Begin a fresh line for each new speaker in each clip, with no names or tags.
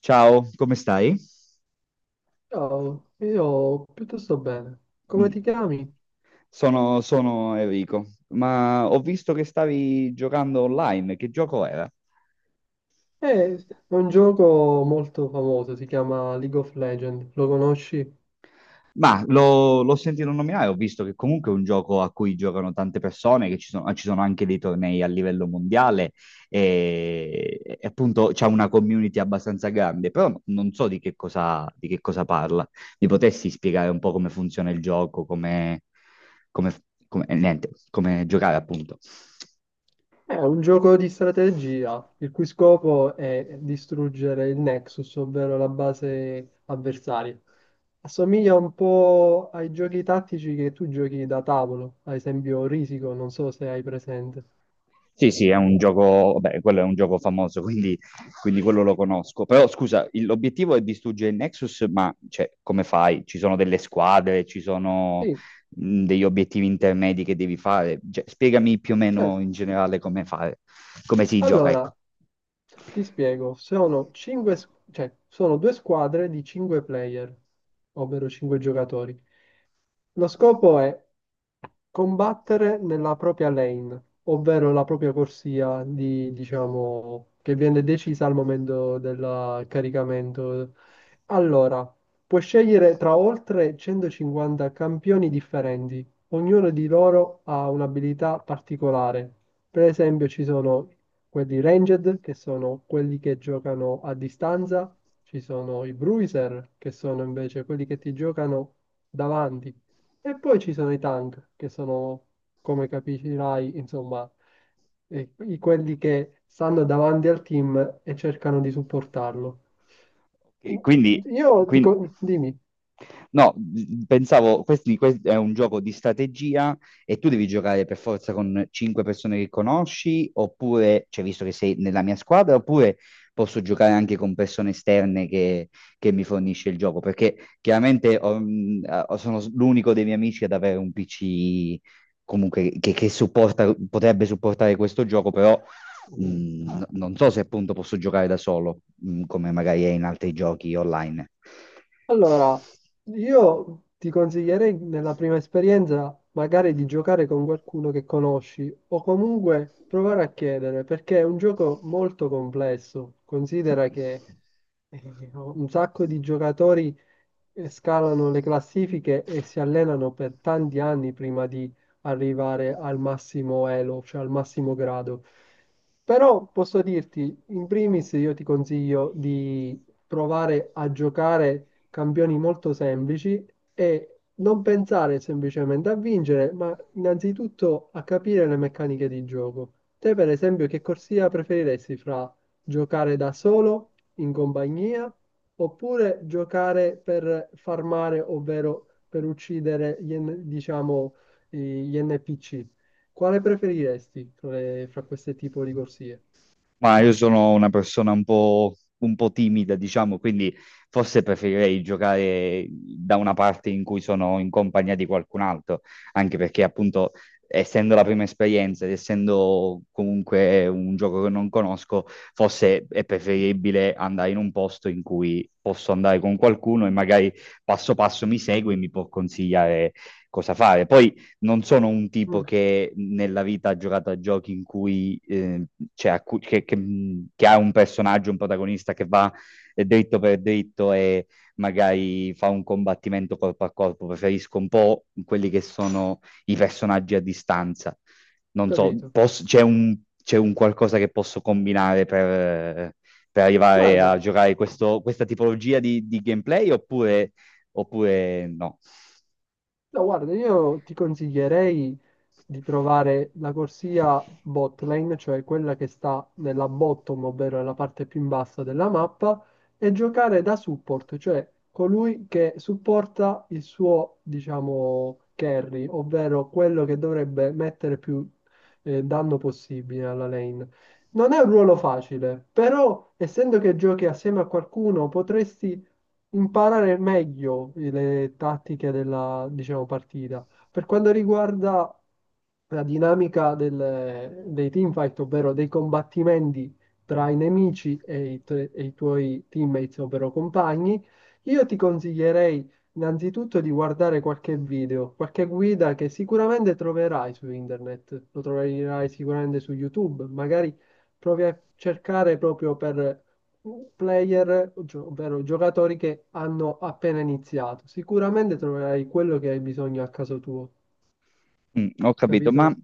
Ciao, come stai?
Ciao, io piuttosto bene. Come
Mm.
ti chiami?
Sono Enrico, ma ho visto che stavi giocando online, che gioco era?
Eh, È un gioco molto famoso, si chiama League of Legends, lo conosci?
Ma l'ho sentito nominare, ho visto che comunque è un gioco a cui giocano tante persone, che ci sono anche dei tornei a livello mondiale e appunto c'è una community abbastanza grande, però non so di che cosa parla. Mi potessi spiegare un po' come funziona il gioco, come, niente, come giocare appunto.
È un gioco di strategia, il cui scopo è distruggere il Nexus, ovvero la base avversaria. Assomiglia un po' ai giochi tattici che tu giochi da tavolo, ad esempio Risico, non so se hai presente.
Sì, sì, è un gioco, beh, quello è un gioco famoso, quindi quello lo conosco. Però scusa, l'obiettivo è distruggere il Nexus, ma cioè, come fai? Ci sono delle squadre, ci sono
Sì,
degli obiettivi intermedi che devi fare. Cioè, spiegami più o meno
certo.
in generale come fare, come si gioca, ecco.
Allora, ti spiego, cioè, sono due squadre di 5 player, ovvero 5 giocatori. Lo scopo è combattere nella propria lane, ovvero la propria corsia di, diciamo, che viene decisa al momento del caricamento. Allora, puoi scegliere tra oltre 150 campioni differenti, ognuno di loro ha un'abilità particolare. Per esempio, ci sono quelli ranged, che sono quelli che giocano a distanza, ci sono i bruiser, che sono invece quelli che ti giocano davanti, e poi ci sono i tank, che sono, come capirai, insomma, quelli che stanno davanti al team e cercano di supportarlo.
E
Io
quindi-
dico, dimmi.
no, pensavo, questi, questo è un gioco di strategia e tu devi giocare per forza con cinque persone che conosci, oppure, cioè visto che sei nella mia squadra, oppure posso giocare anche con persone esterne che mi fornisce il gioco, perché chiaramente ah, sono l'unico dei miei amici ad avere un PC comunque che supporta, potrebbe supportare questo gioco, però mm, non so se appunto posso giocare da solo, mm, come magari è in altri giochi online.
Allora, io ti consiglierei nella prima esperienza magari di giocare con qualcuno che conosci o comunque provare a chiedere, perché è un gioco molto complesso. Considera che un sacco di giocatori scalano le classifiche e si allenano per tanti anni prima di arrivare al massimo elo, cioè al massimo grado. Però posso dirti, in primis io ti consiglio provare a giocare campioni molto semplici e non pensare semplicemente a vincere, ma innanzitutto a capire le meccaniche di gioco. Te, per esempio, che corsia preferiresti fra giocare da solo, in compagnia, oppure giocare per farmare, ovvero per uccidere diciamo, gli NPC? Quale preferiresti fra questi tipi di corsie?
Ma io sono una persona un po' timida, diciamo, quindi forse preferirei giocare da una parte in cui sono in compagnia di qualcun altro, anche perché appunto, essendo la prima esperienza ed essendo comunque un gioco che non conosco, forse è preferibile andare in un posto in cui posso andare con qualcuno e magari passo passo mi segue e mi può consigliare cosa fare. Poi non sono un tipo
Mm,
che nella vita ha giocato a giochi in cui cioè, a cui- che- mm, che ha un personaggio, un protagonista che va dritto per dritto e magari fa un combattimento corpo a corpo. Preferisco un po' quelli che sono i personaggi a distanza.
ho
Non so,
capito.
c'è un qualcosa che posso combinare per arrivare a
Guarda,
giocare questa tipologia di gameplay oppure, oppure no?
no, guarda, io ti consiglierei, di trovare la corsia bot lane, cioè quella che sta nella bottom, ovvero nella parte più in basso della mappa, e giocare da support, cioè colui che supporta il suo, diciamo, carry, ovvero quello che dovrebbe mettere più danno possibile alla lane. Non è un ruolo facile, però essendo che giochi assieme a qualcuno potresti imparare meglio le tattiche della, diciamo, partita. Per quanto riguarda la dinamica dei teamfight, ovvero dei combattimenti tra i nemici e e i tuoi teammates, ovvero compagni, io ti consiglierei innanzitutto di guardare qualche video, qualche guida che sicuramente troverai su internet, lo troverai sicuramente su YouTube, magari provi a cercare proprio per ovvero giocatori che hanno appena iniziato. Sicuramente troverai quello che hai bisogno a caso tuo,
Mm, ho capito,
capito?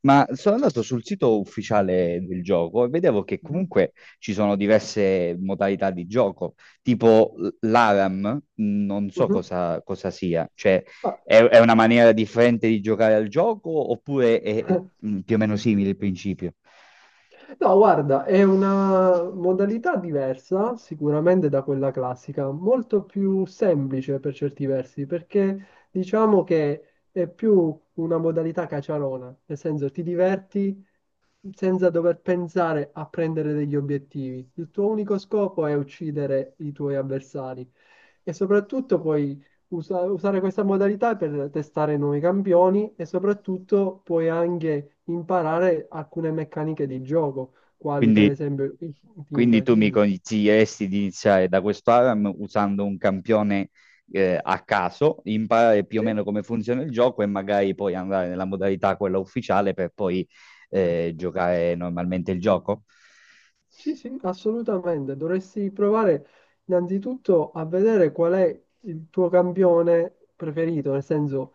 ma sono andato sul sito ufficiale del gioco e vedevo che
Mhm.
comunque ci sono diverse modalità di gioco, tipo l'ARAM, mm, non so
Mhm.
cosa sia, cioè
Ah,
è una maniera differente di giocare al gioco oppure è mm, più o meno simile il principio?
no, guarda, è una modalità diversa sicuramente da quella classica, molto più semplice per certi versi, perché diciamo che è più una modalità caciarona, nel senso ti diverti senza dover pensare a prendere degli obiettivi. Il tuo unico scopo è uccidere i tuoi avversari e soprattutto poi usare questa modalità per testare nuovi campioni e soprattutto puoi anche imparare alcune meccaniche di gioco, quali per
Quindi,
esempio il
quindi
team,
tu mi
dimmi.
consiglieresti di iniziare da questo ARAM usando un campione a caso, imparare più o
Sì,
meno come funziona il gioco e magari poi andare nella modalità quella ufficiale per poi
certo.
giocare normalmente il gioco?
Sì, sì, assolutamente. Dovresti provare innanzitutto a vedere qual è il tuo campione preferito, nel senso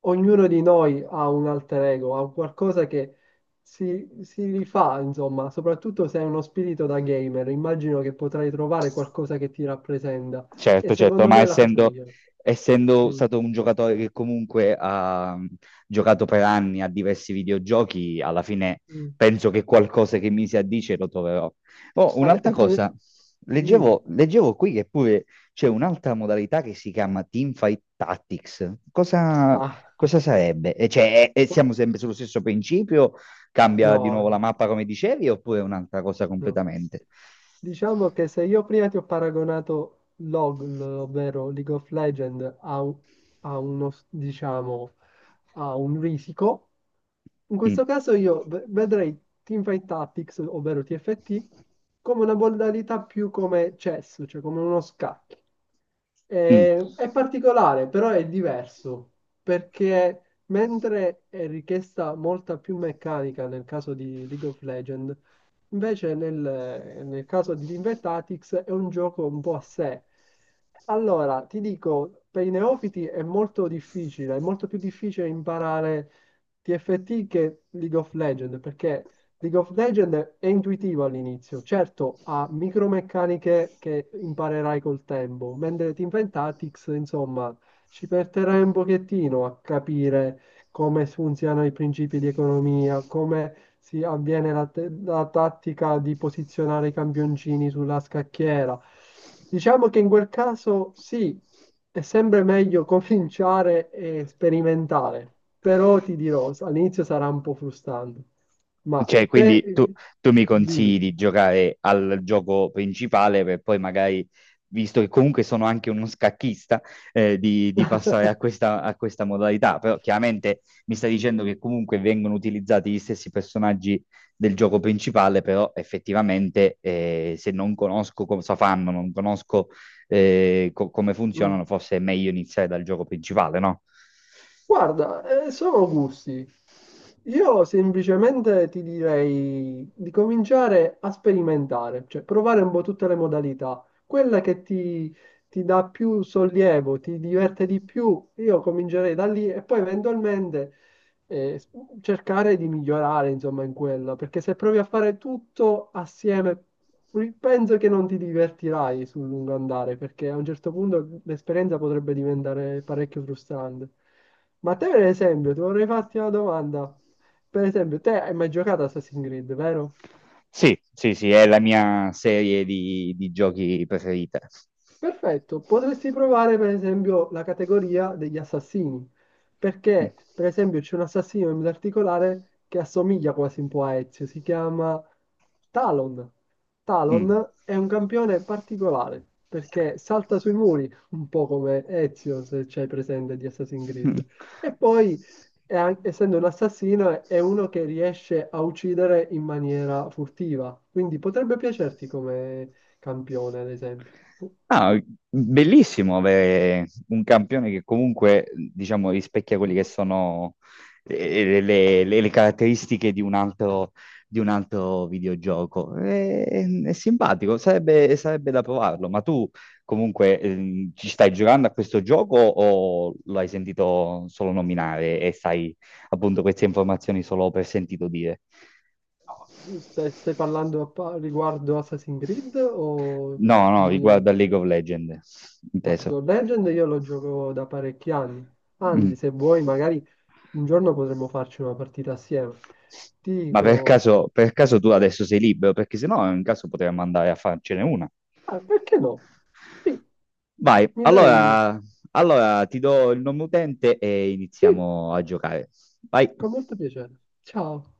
ognuno di noi ha un alter ego, ha un qualcosa che si rifà, insomma, soprattutto se hai uno spirito da gamer, immagino che potrai trovare qualcosa che ti rappresenta e
Certo, certo,
secondo me è la cosa migliore.
essendo
Mm,
stato un giocatore che comunque ha mm, giocato per anni a diversi videogiochi, alla fine
mm.
penso che qualcosa che mi si addice lo troverò. Oh,
Ade-
un'altra cosa,
Dimmi.
leggevo qui che pure c'è un'altra modalità che si chiama Teamfight Tactics.
Ah,
Cosa sarebbe? E cioè, e siamo sempre sullo stesso principio? Cambia di
no,
nuovo la
no.
mappa come dicevi, oppure è un'altra cosa
No.
completamente?
Diciamo che se io prima ti ho paragonato LOL, ovvero League of Legends, a, a uno, diciamo, a un risico, in
Mm.
questo caso io vedrei Teamfight Tactics, ovvero TFT, come una modalità più come chess, cioè come uno scacchi.
Mm.
È particolare, però è diverso, perché mentre è richiesta molta più meccanica nel caso di League of Legends, invece nel caso di Teamvet Tactics è un gioco un po' a sé. Allora, ti dico, per i neofiti è molto difficile, è molto più difficile imparare TFT che League of Legends, perché League of Legends è intuitivo all'inizio, certo ha micromeccaniche che imparerai col tempo, mentre Teamvet Tactics, insomma, ci perderai un pochettino a capire come funzionano i principi di economia, come si avviene la tattica di posizionare i campioncini sulla scacchiera. Diciamo che in quel caso sì, è sempre meglio cominciare e sperimentare, però ti dirò, all'inizio sarà un po' frustrante, ma
Cioè,
te
tu mi consigli
dimmi.
di giocare al gioco principale per poi magari, visto che comunque sono anche uno scacchista, di passare a a questa modalità. Però chiaramente mi stai dicendo che comunque vengono utilizzati gli stessi personaggi del gioco principale, però effettivamente se non conosco cosa fanno, non conosco come
Mm.
funzionano, forse è meglio iniziare dal gioco principale, no?
Guarda, sono gusti. Io semplicemente ti direi di cominciare a sperimentare, cioè provare un po' tutte le modalità. Ti dà più sollievo, ti diverte di più, io comincerei da lì e poi eventualmente eh, s- cercare di migliorare, insomma, in quella, perché se provi a fare tutto assieme, penso che non ti divertirai sul lungo andare, perché a un certo punto l'esperienza potrebbe diventare parecchio frustrante. Ma a te, per esempio, ti vorrei farti una domanda. Per esempio, te hai mai giocato a Assassin's Creed, vero?
Sì, sì, sì, è la mia serie di giochi preferita.
Perfetto, potresti provare per esempio la categoria degli assassini,
Mm.
perché per esempio c'è un assassino in particolare che assomiglia quasi un po' a Ezio, si chiama Talon.
Mm.
Talon è un campione particolare, perché salta sui muri, un po' come Ezio, se c'hai presente di Assassin's
Mm.
Creed. E poi, è essendo un assassino, è uno che riesce a uccidere in maniera furtiva, quindi potrebbe piacerti come campione, ad esempio.
Ah, bellissimo avere un campione che comunque, diciamo, rispecchia quelle che
Mhm.
sono le caratteristiche di un altro videogioco. È simpatico, sarebbe da provarlo. Ma tu comunque ci stai giocando a questo gioco o lo hai sentito solo nominare e sai appunto queste informazioni solo per sentito dire?
No, Stai parlando riguardo Assassin's Creed o
No, no,
di
riguarda League of Legends,
ah, League
inteso.
of Legends? Io lo gioco da parecchi anni.
Mm.
Anzi, se vuoi, magari un giorno potremmo farci una partita assieme. Ti dico,
Per caso tu adesso sei libero? Perché se no, in caso potremmo andare a farcene una.
ah, perché no? Sì,
Vai,
mi dai?
allora ti do il nome utente e
Sì,
iniziamo a giocare. Vai.
con molto piacere. Ciao.